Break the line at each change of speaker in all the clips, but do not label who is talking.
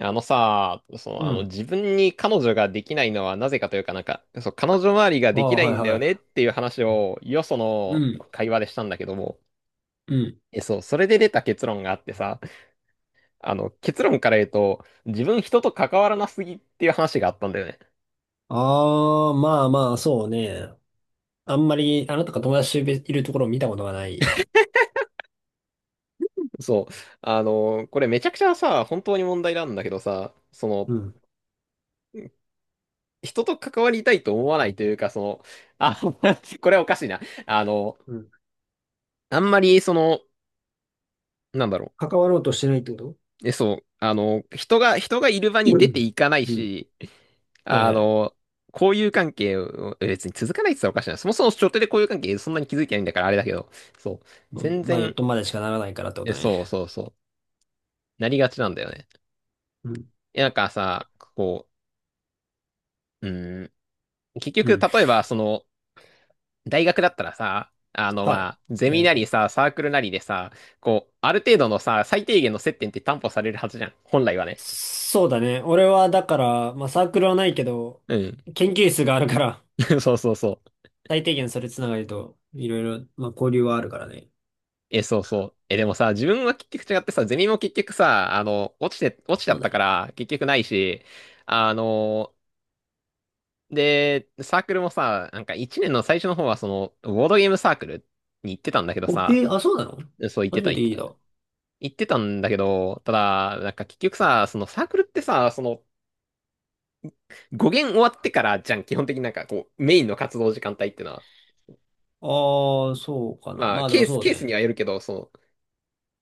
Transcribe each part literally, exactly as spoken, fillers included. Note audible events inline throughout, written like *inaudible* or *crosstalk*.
あのさ、そ
う
のあの、
ん。
自分に彼女ができないのはなぜかというかなんか、そう、彼女周りが
あ
でき
あ、
な
は
い
い
んだよねっ
は
ていう話を、よそ
い。う
の
ん、
会話でしたんだけども、
うん。
え、そう、それで出た結論があってさ、あの、結論から言うと、自分人と関わらなすぎっていう話があったんだよね。
ああ、まあまあ、そうね。あんまり、あなたが友達いるところを見たことがない。
そう、あの、これめちゃくちゃさ、本当に問題なんだけどさ、その、
うん。
人と関わりたいと思わないというか、その、あ、*laughs* これはおかしいな。あの、
うん。
あんまり、その、なんだろう。
関わろうとしてないってこと。
え、そう。あの、人が、人がいる場に
う
出て
ん。
いかない
うん。
し、
はい
あ
はい。
の、交友関係をえ別に続かないって言ったらおかしいな。そもそも初手で交友関係そんなに気づいてないんだからあれだけど、そう。
うん
全
まあ、よっ
然、
とまでしかならないからってこ
え、
とね。
そうそうそう。なりがちなんだよね。
うん。
え、なんかさ、こう、うん、結
う
局、
ん。
例えば、その、大学だったらさ、あの、
はい。
まあ、ゼ
大
ミなり
学。
さ、サークルなりでさ、こう、ある程度のさ、最低限の接点って担保されるはずじゃん。本来はね。
そうだね。俺は、だから、まあ、サークルはないけど、
うん。
研究室があるから、
*laughs* そうそうそう。
*laughs* 最低限それつながりと、いろいろ、まあ、交流はあるからね。
え、そうそう。え、でもさ、自分は結局違ってさ、ゼミも結局さ、あの、落ちて、落ちちゃ
そ
っ
う
た
だ
か
ね。
ら、結局ないし、あの、で、サークルもさ、なんか一年の最初の方は、その、ボードゲームサークルに行ってたんだけど
お、
さ、
へえ、あ、そうなの。
そう、行って
初
た、
めて
行って
聞い
た。
た。
行ってたんだけど、ただ、なんか結局さ、そのサークルってさ、その、語源終わってからじゃん、基本的になんかこう、メインの活動時間帯ってのは。
ああ、そうかな。
まあ、
まあで
ケ
も
ース、
そう
ケース
ね。
にはよるけど、その、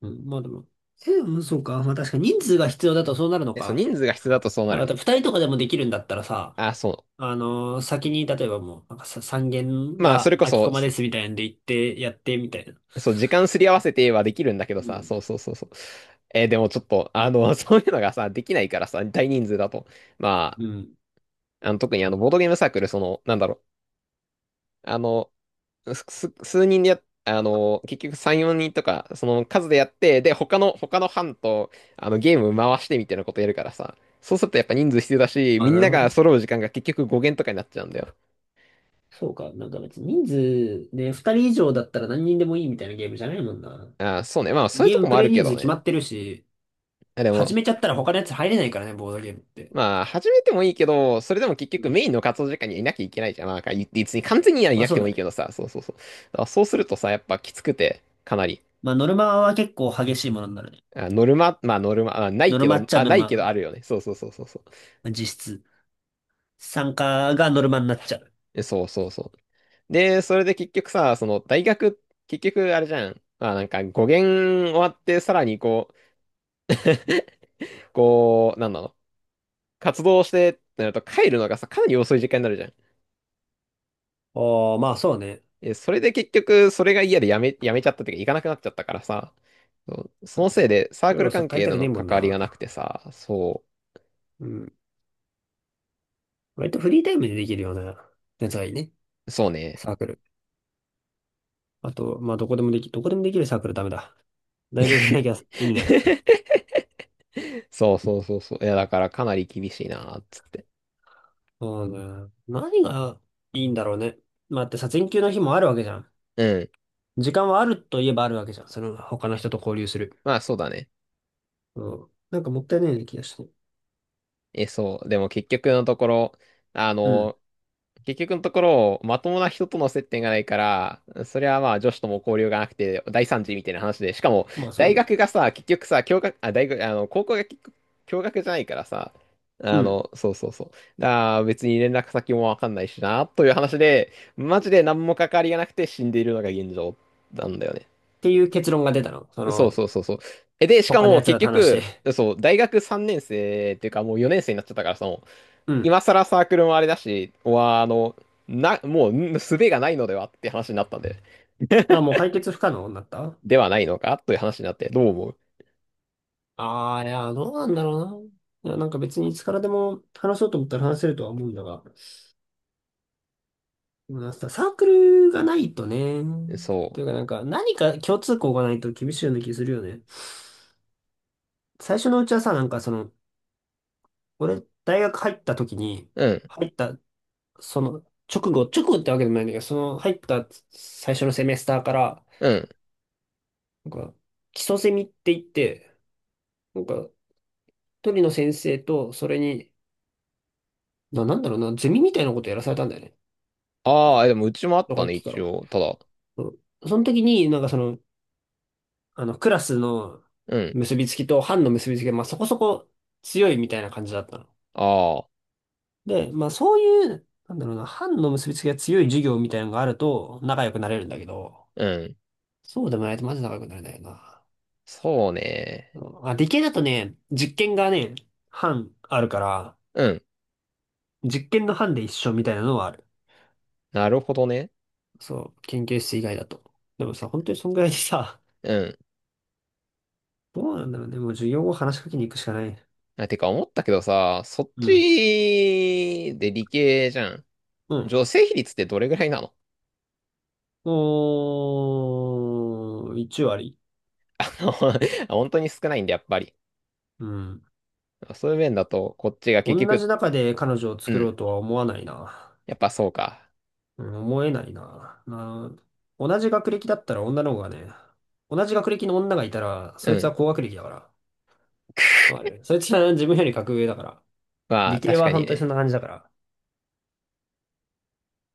うん、まあでも。え、うん、そうか。まあ確かに人数が必要だとそうなるの
え、そう、
か。
人数が必要だとそうなる
なんか
ね。
二人とかでもできるんだったらさ、
あ、そ
あのー先に例えばもう、なんかさ、三限
う。まあ、そ
が
れこ
空きコ
そ、
マですみたいなんで行ってやってみたいな。
そう、時間すり合わせてはできるんだけど
う
さ、
ん。
そうそうそうそう。えーでもちょっと、あの、*laughs* そういうのがさ、できないからさ、大人数だと。ま
うん。
あ、あの、特にあの、ボードゲームサークル、その、なんだろう、あの、すす数人でやっ、あの、結局さん、よにんとか、その数でやって、で、他の、他の班と、あの、ゲーム回してみたいなことやるからさ、そうするとやっぱ人数必要だし、
あ、
みん
なる
な
ほ
が
ど。
揃う時間が結局ご限とかになっちゃうんだよ。
そうか。なんか別に人数ね、二人以上だったら何人でもいいみたいなゲームじゃないもんな。
あー、そうね。まあ、そういう
ゲー
と
ム
こ
プ
もあ
レ
る
イ
け
人数
ど
決ま
ね。
ってるし、
あで
始
も、
めちゃったら他のやつ入れないからね、ボードゲームって。
まあ、始めてもいいけど、それでも結
う
局
ん。
メインの活動時間にはいなきゃいけないじゃん。まあ、か言って別に完全にはい
まあ
なく
そ
て
う
も
だ
いいけ
ね。
どさ、そうそうそう。だからそうするとさ、やっぱきつくて、かなり。
まあノルマは結構激しいものになるね。
あ、ノルマ、まあノルマ、あ、ない
ノル
け
マっ
ど、
ちゃ
あ、
ノ
な
ル
いけど
マ。
あるよね。そうそうそうそうそう。
実質。参加がノルマになっちゃう。
えそうそうそう。で、それで結局さ、その大学、結局あれじゃん。まあなんか語源終わってさらにこう、こう、なんだろう。活動してってなると帰るのがさ、かなり遅い時間になるじゃん。
ああ、まあそうね。
え、それで結局それが嫌でやめ、やめちゃったっていうか行かなくなっちゃったからさ。そうそ
あ
のせい
の、
でサーク
夜
ル
遅く
関
帰り
係
た
と
くね
の
えもん
関わり
な。
がなくてさ、そ
うん。割とフリータイムでできるようなやつがいいね。
う、そうね。
サークル。あと、まあどこでもでき、どこでもできるサークルダメだ。大学でなきゃ意味ない。
*laughs* そうそうそうそう。いや、だからかなり厳しいな、つって。
そうね。何がいいんだろうね。まあだってさ、全休の日もあるわけじゃん。
うん。
時間はあるといえばあるわけじゃん。その他の人と交流する。
まあ、そうだね。
うん。なんかもったいないような気がして。
え、そう。でも結局のところ、あ
うん。
の、結局のところ、まともな人との接点がないから、それはまあ女子とも交流がなくて大惨事みたいな話で、しかも
まあそう
大学
ね。
がさ、結局さ、教学、あ、大学、あの、高校が結局共学じゃないからさ、
う
あ
ん。っ
の、そうそうそう。だから別に連絡先もわかんないしな、という話で、マジで何も関わりがなくて死んでいるのが現状なんだよね。
ていう結論が出たの。そ
そう
の、
そうそうそう。え、で、しか
他の
も
奴
結
らと話し
局、
て。
そう、大学さんねん生っていうかもうよねん生になっちゃったからさ、もう
うん。
今更サークルもあれだし、は、あの、な、もう、ん術がないのではって話になったんで、
まあもう解決不可能になった。
ではないのかという話になって、どう思
ああー、いや、どうなんだろうな。いや、なんか別にいつからでも話そうと思ったら話せるとは思うんだが。でもなんかさ、サークルがないとね。
う？そ
というかなんか何か共通項がないと厳しいような気するよね。最初のうちはさ、なんかその、俺、大学入った時に、
う。うん、
入った、その、直後、直後ってわけでもないんだけど、その、入った最初のセメスターから、
うん。
なんか、基礎セミって言って、なんか、一人の先生と、それに、な、なんだろうな、ゼミみたいなことやらされたんだよね。
ああ、でもうちもあっ
小
た
学
ね、
期か
一
ら。
応。ただ、
うん。その時に、なんかその、あの、クラスの
うん、
結びつきと班の結びつきが、まあそこそこ強いみたいな感じだったの。
ああ、
で、まあそういう、なんだろうな、班の結びつきが強い授業みたいなのがあると仲良くなれるんだけど、
うん、
そうでもないとマジ仲良くなれないよな。
そう
う
ね。
ん、あ、理系だとね、実験がね、班あるから、
うん、
実験の班で一緒みたいなのはある。
なるほどね。
そう、研究室以外だと。でもさ、本当にそんぐらいでさ、*laughs*
うん。
どうなんだろうね。もう授業後話しかけに行くしかない。
あ、てか思ったけどさ、そっ
う
ち
ん。
で理系じゃん。
うん。
女性比率ってどれぐらいなの？
おー、いち割。
あの、*laughs* 本当に少ないんで、やっぱり。
うん。
そういう面だと、こっちが結
同じ
局、
中で彼女を
う
作ろう
ん、
とは思わないな。
やっぱそうか。
うん、思えないな。な、同じ学歴だったら女の方がね、同じ学歴の女がいたら、
う
そいつ
ん、
は高学歴だから。わかる、そいつは自分より格上だから。
ま
理
あ、
系
確
は
かに
本当にそん
ね。
な感じだから。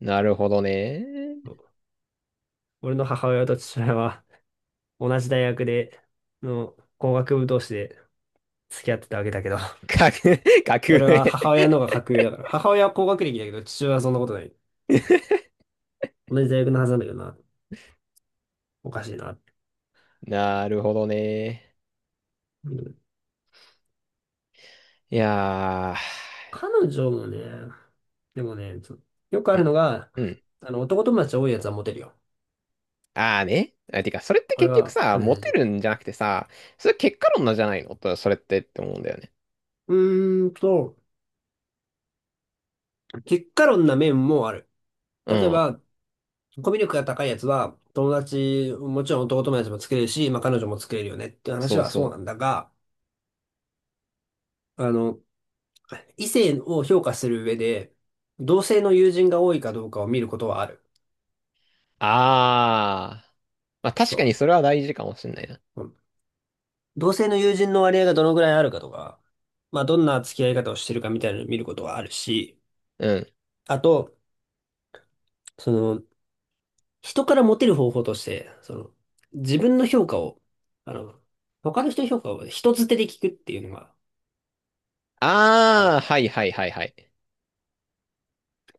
なるほどね。
うん。俺の母親と父親は同じ大学で、の工学部同士で付き合ってたわけだけど、
格、*laughs* 格
それ
上
は母親の方が格上だから、母親は工学歴だけど、父親はそんなことない。
*laughs*。
同じ大学のはずなんだけどな、おかしいな。
なるほどね。
うん。
いや
彼女もね、でもね、そ、よくあ
ー、
るのが、
うん、うん。
あの、男友達多いやつはモテるよ。
ああね。あ、てか、それって
これ
結局
は
さ、
かなり
モ
大
テ
事。
るんじゃなくてさ、それ結果論なんじゃないのと、それってって思うんだよね。
うーんと、結果論な面もある。
う
例え
ん。
ば、コミュ力が高いやつは、友達、もちろん男友達も作れるし、まあ彼女も作れるよねっていう話
そう
は
そ
そう
う。
なんだが、あの、異性を評価する上で、同性の友人が多いかどうかを見ることはある。
ああ。まあ確か
そ
にそれは大事かもしんないな。
う。うん、同性の友人の割合がどのぐらいあるかとか、まあ、どんな付き合い方をしてるかみたいなのを見ることはあるし、
うん。
あと、その、人からモテる方法として、その、自分の評価を、あの、他の人の評価を人づてで聞くっていうのがあ
ああ、
る。
はいはいはいはい。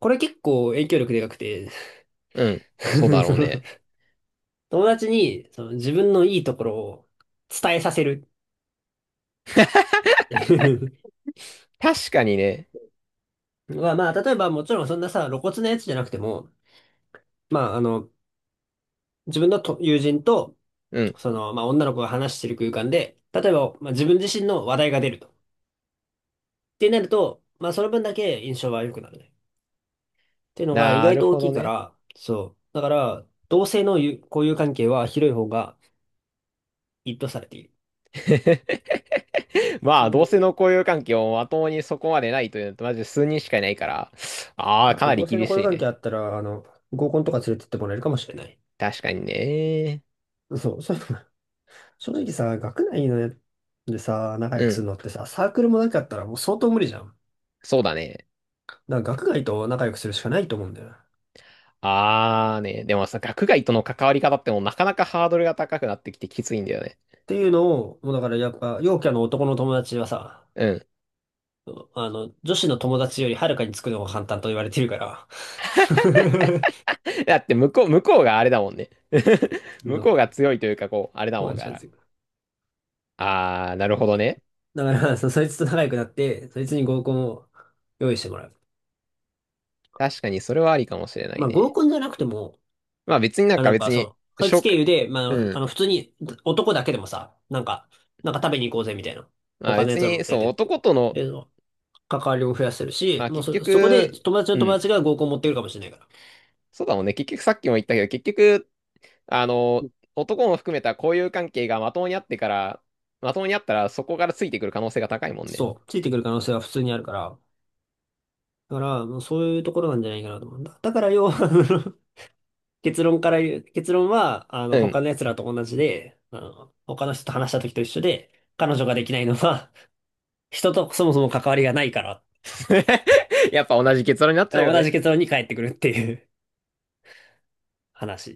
これ結構影響力でかくて、
うん。そうだ
*laughs*
ろ
その
うね。
友達にその自分のいいところを伝えさせるっていう、
確かにね。
まあまあ、例えばもちろんそんなさ、露骨なやつじゃなくても、まああの、自分のと友人と、
うん。
その、まあ女の子が話してる空間で、例えば、まあ、自分自身の話題が出ると。ってなると、まあその分だけ印象は良くなるね。っていうのが意
な
外
る
と大
ほ
き
ど
いか
ね。
ら、そう。だから、同性の友交友関係は広い方が一いとされている。
*laughs* まあ、
本
同
当
性
に。
の交友関係をまともにそこまでないというのと、まず数人しかいないから、ああ、
まあ、あ
か
と
なり
同性の
厳
交友
しい
関
ね。
係あったら、あの、合コンとか連れてってもらえるかもしれない。
確かにね。
*laughs* そう、そういうのが、*laughs* 正直さ、学内のやでさ、仲良
う
くす
ん、
るのってさ、サークルもなかったらもう相当無理じゃん。
そうだね。
だから学外と仲良くするしかないと思うんだよ。っ
ああね、でもさ、学外との関わり方ってもうなかなかハードルが高くなってきてきついんだよね。
ていうのを、もうだからやっぱ、陽キャの男の友達はさ、
うん。
あの、女子の友達よりはるかにつくのが簡単と言われてるから。
だって向こう、向こうがあれだもんね。*laughs*
*laughs* そ
向こ
う、
うが強いというか、こう、あれだ
も
も
う
ん
違
から。
う。
ああ、なるほどね。
だから、そ、そいつと仲良くなって、そいつに合コンを用意してもらう。
確かにそれはありかもしれない
まあ合
ね。
コンじゃなくても、
まあ別になん
あ、
か
なん
別
か
に、
そう、そいつ
紹
経
介、
由で、ま
う
あ、あ
ん。
の、普通に男だけでもさ、なんか、なんか食べに行こうぜみたいな。
まあ
他のや
別
つらも
に、
連れ
そう、
てって。
男との、
で、関わりも増やせる
ま
し、
あ
もう
結
そ、そこで
局、
友達の
う
友
ん、
達が合コン持ってくるかもしれないから。
そうだもんね。結局さっきも言ったけど、結局、あの、男も含めた交友関係がまともにあってから、まともにあったらそこからついてくる可能性が高いもんね。
そう。ついてくる可能性は普通にあるから。だから、もうそういうところなんじゃないかなと思うんだ。だから要は、*laughs* あの、結論から言う、結論は、あ
う
の、
ん。
他の奴らと同じで、あの、他の人と話した時と一緒で、彼女ができないのは、*laughs* 人とそもそも関わりがないから、
*laughs* やっぱ同じ結論になっちゃうよ
同じ
ね。
結論に返ってくるっていう話。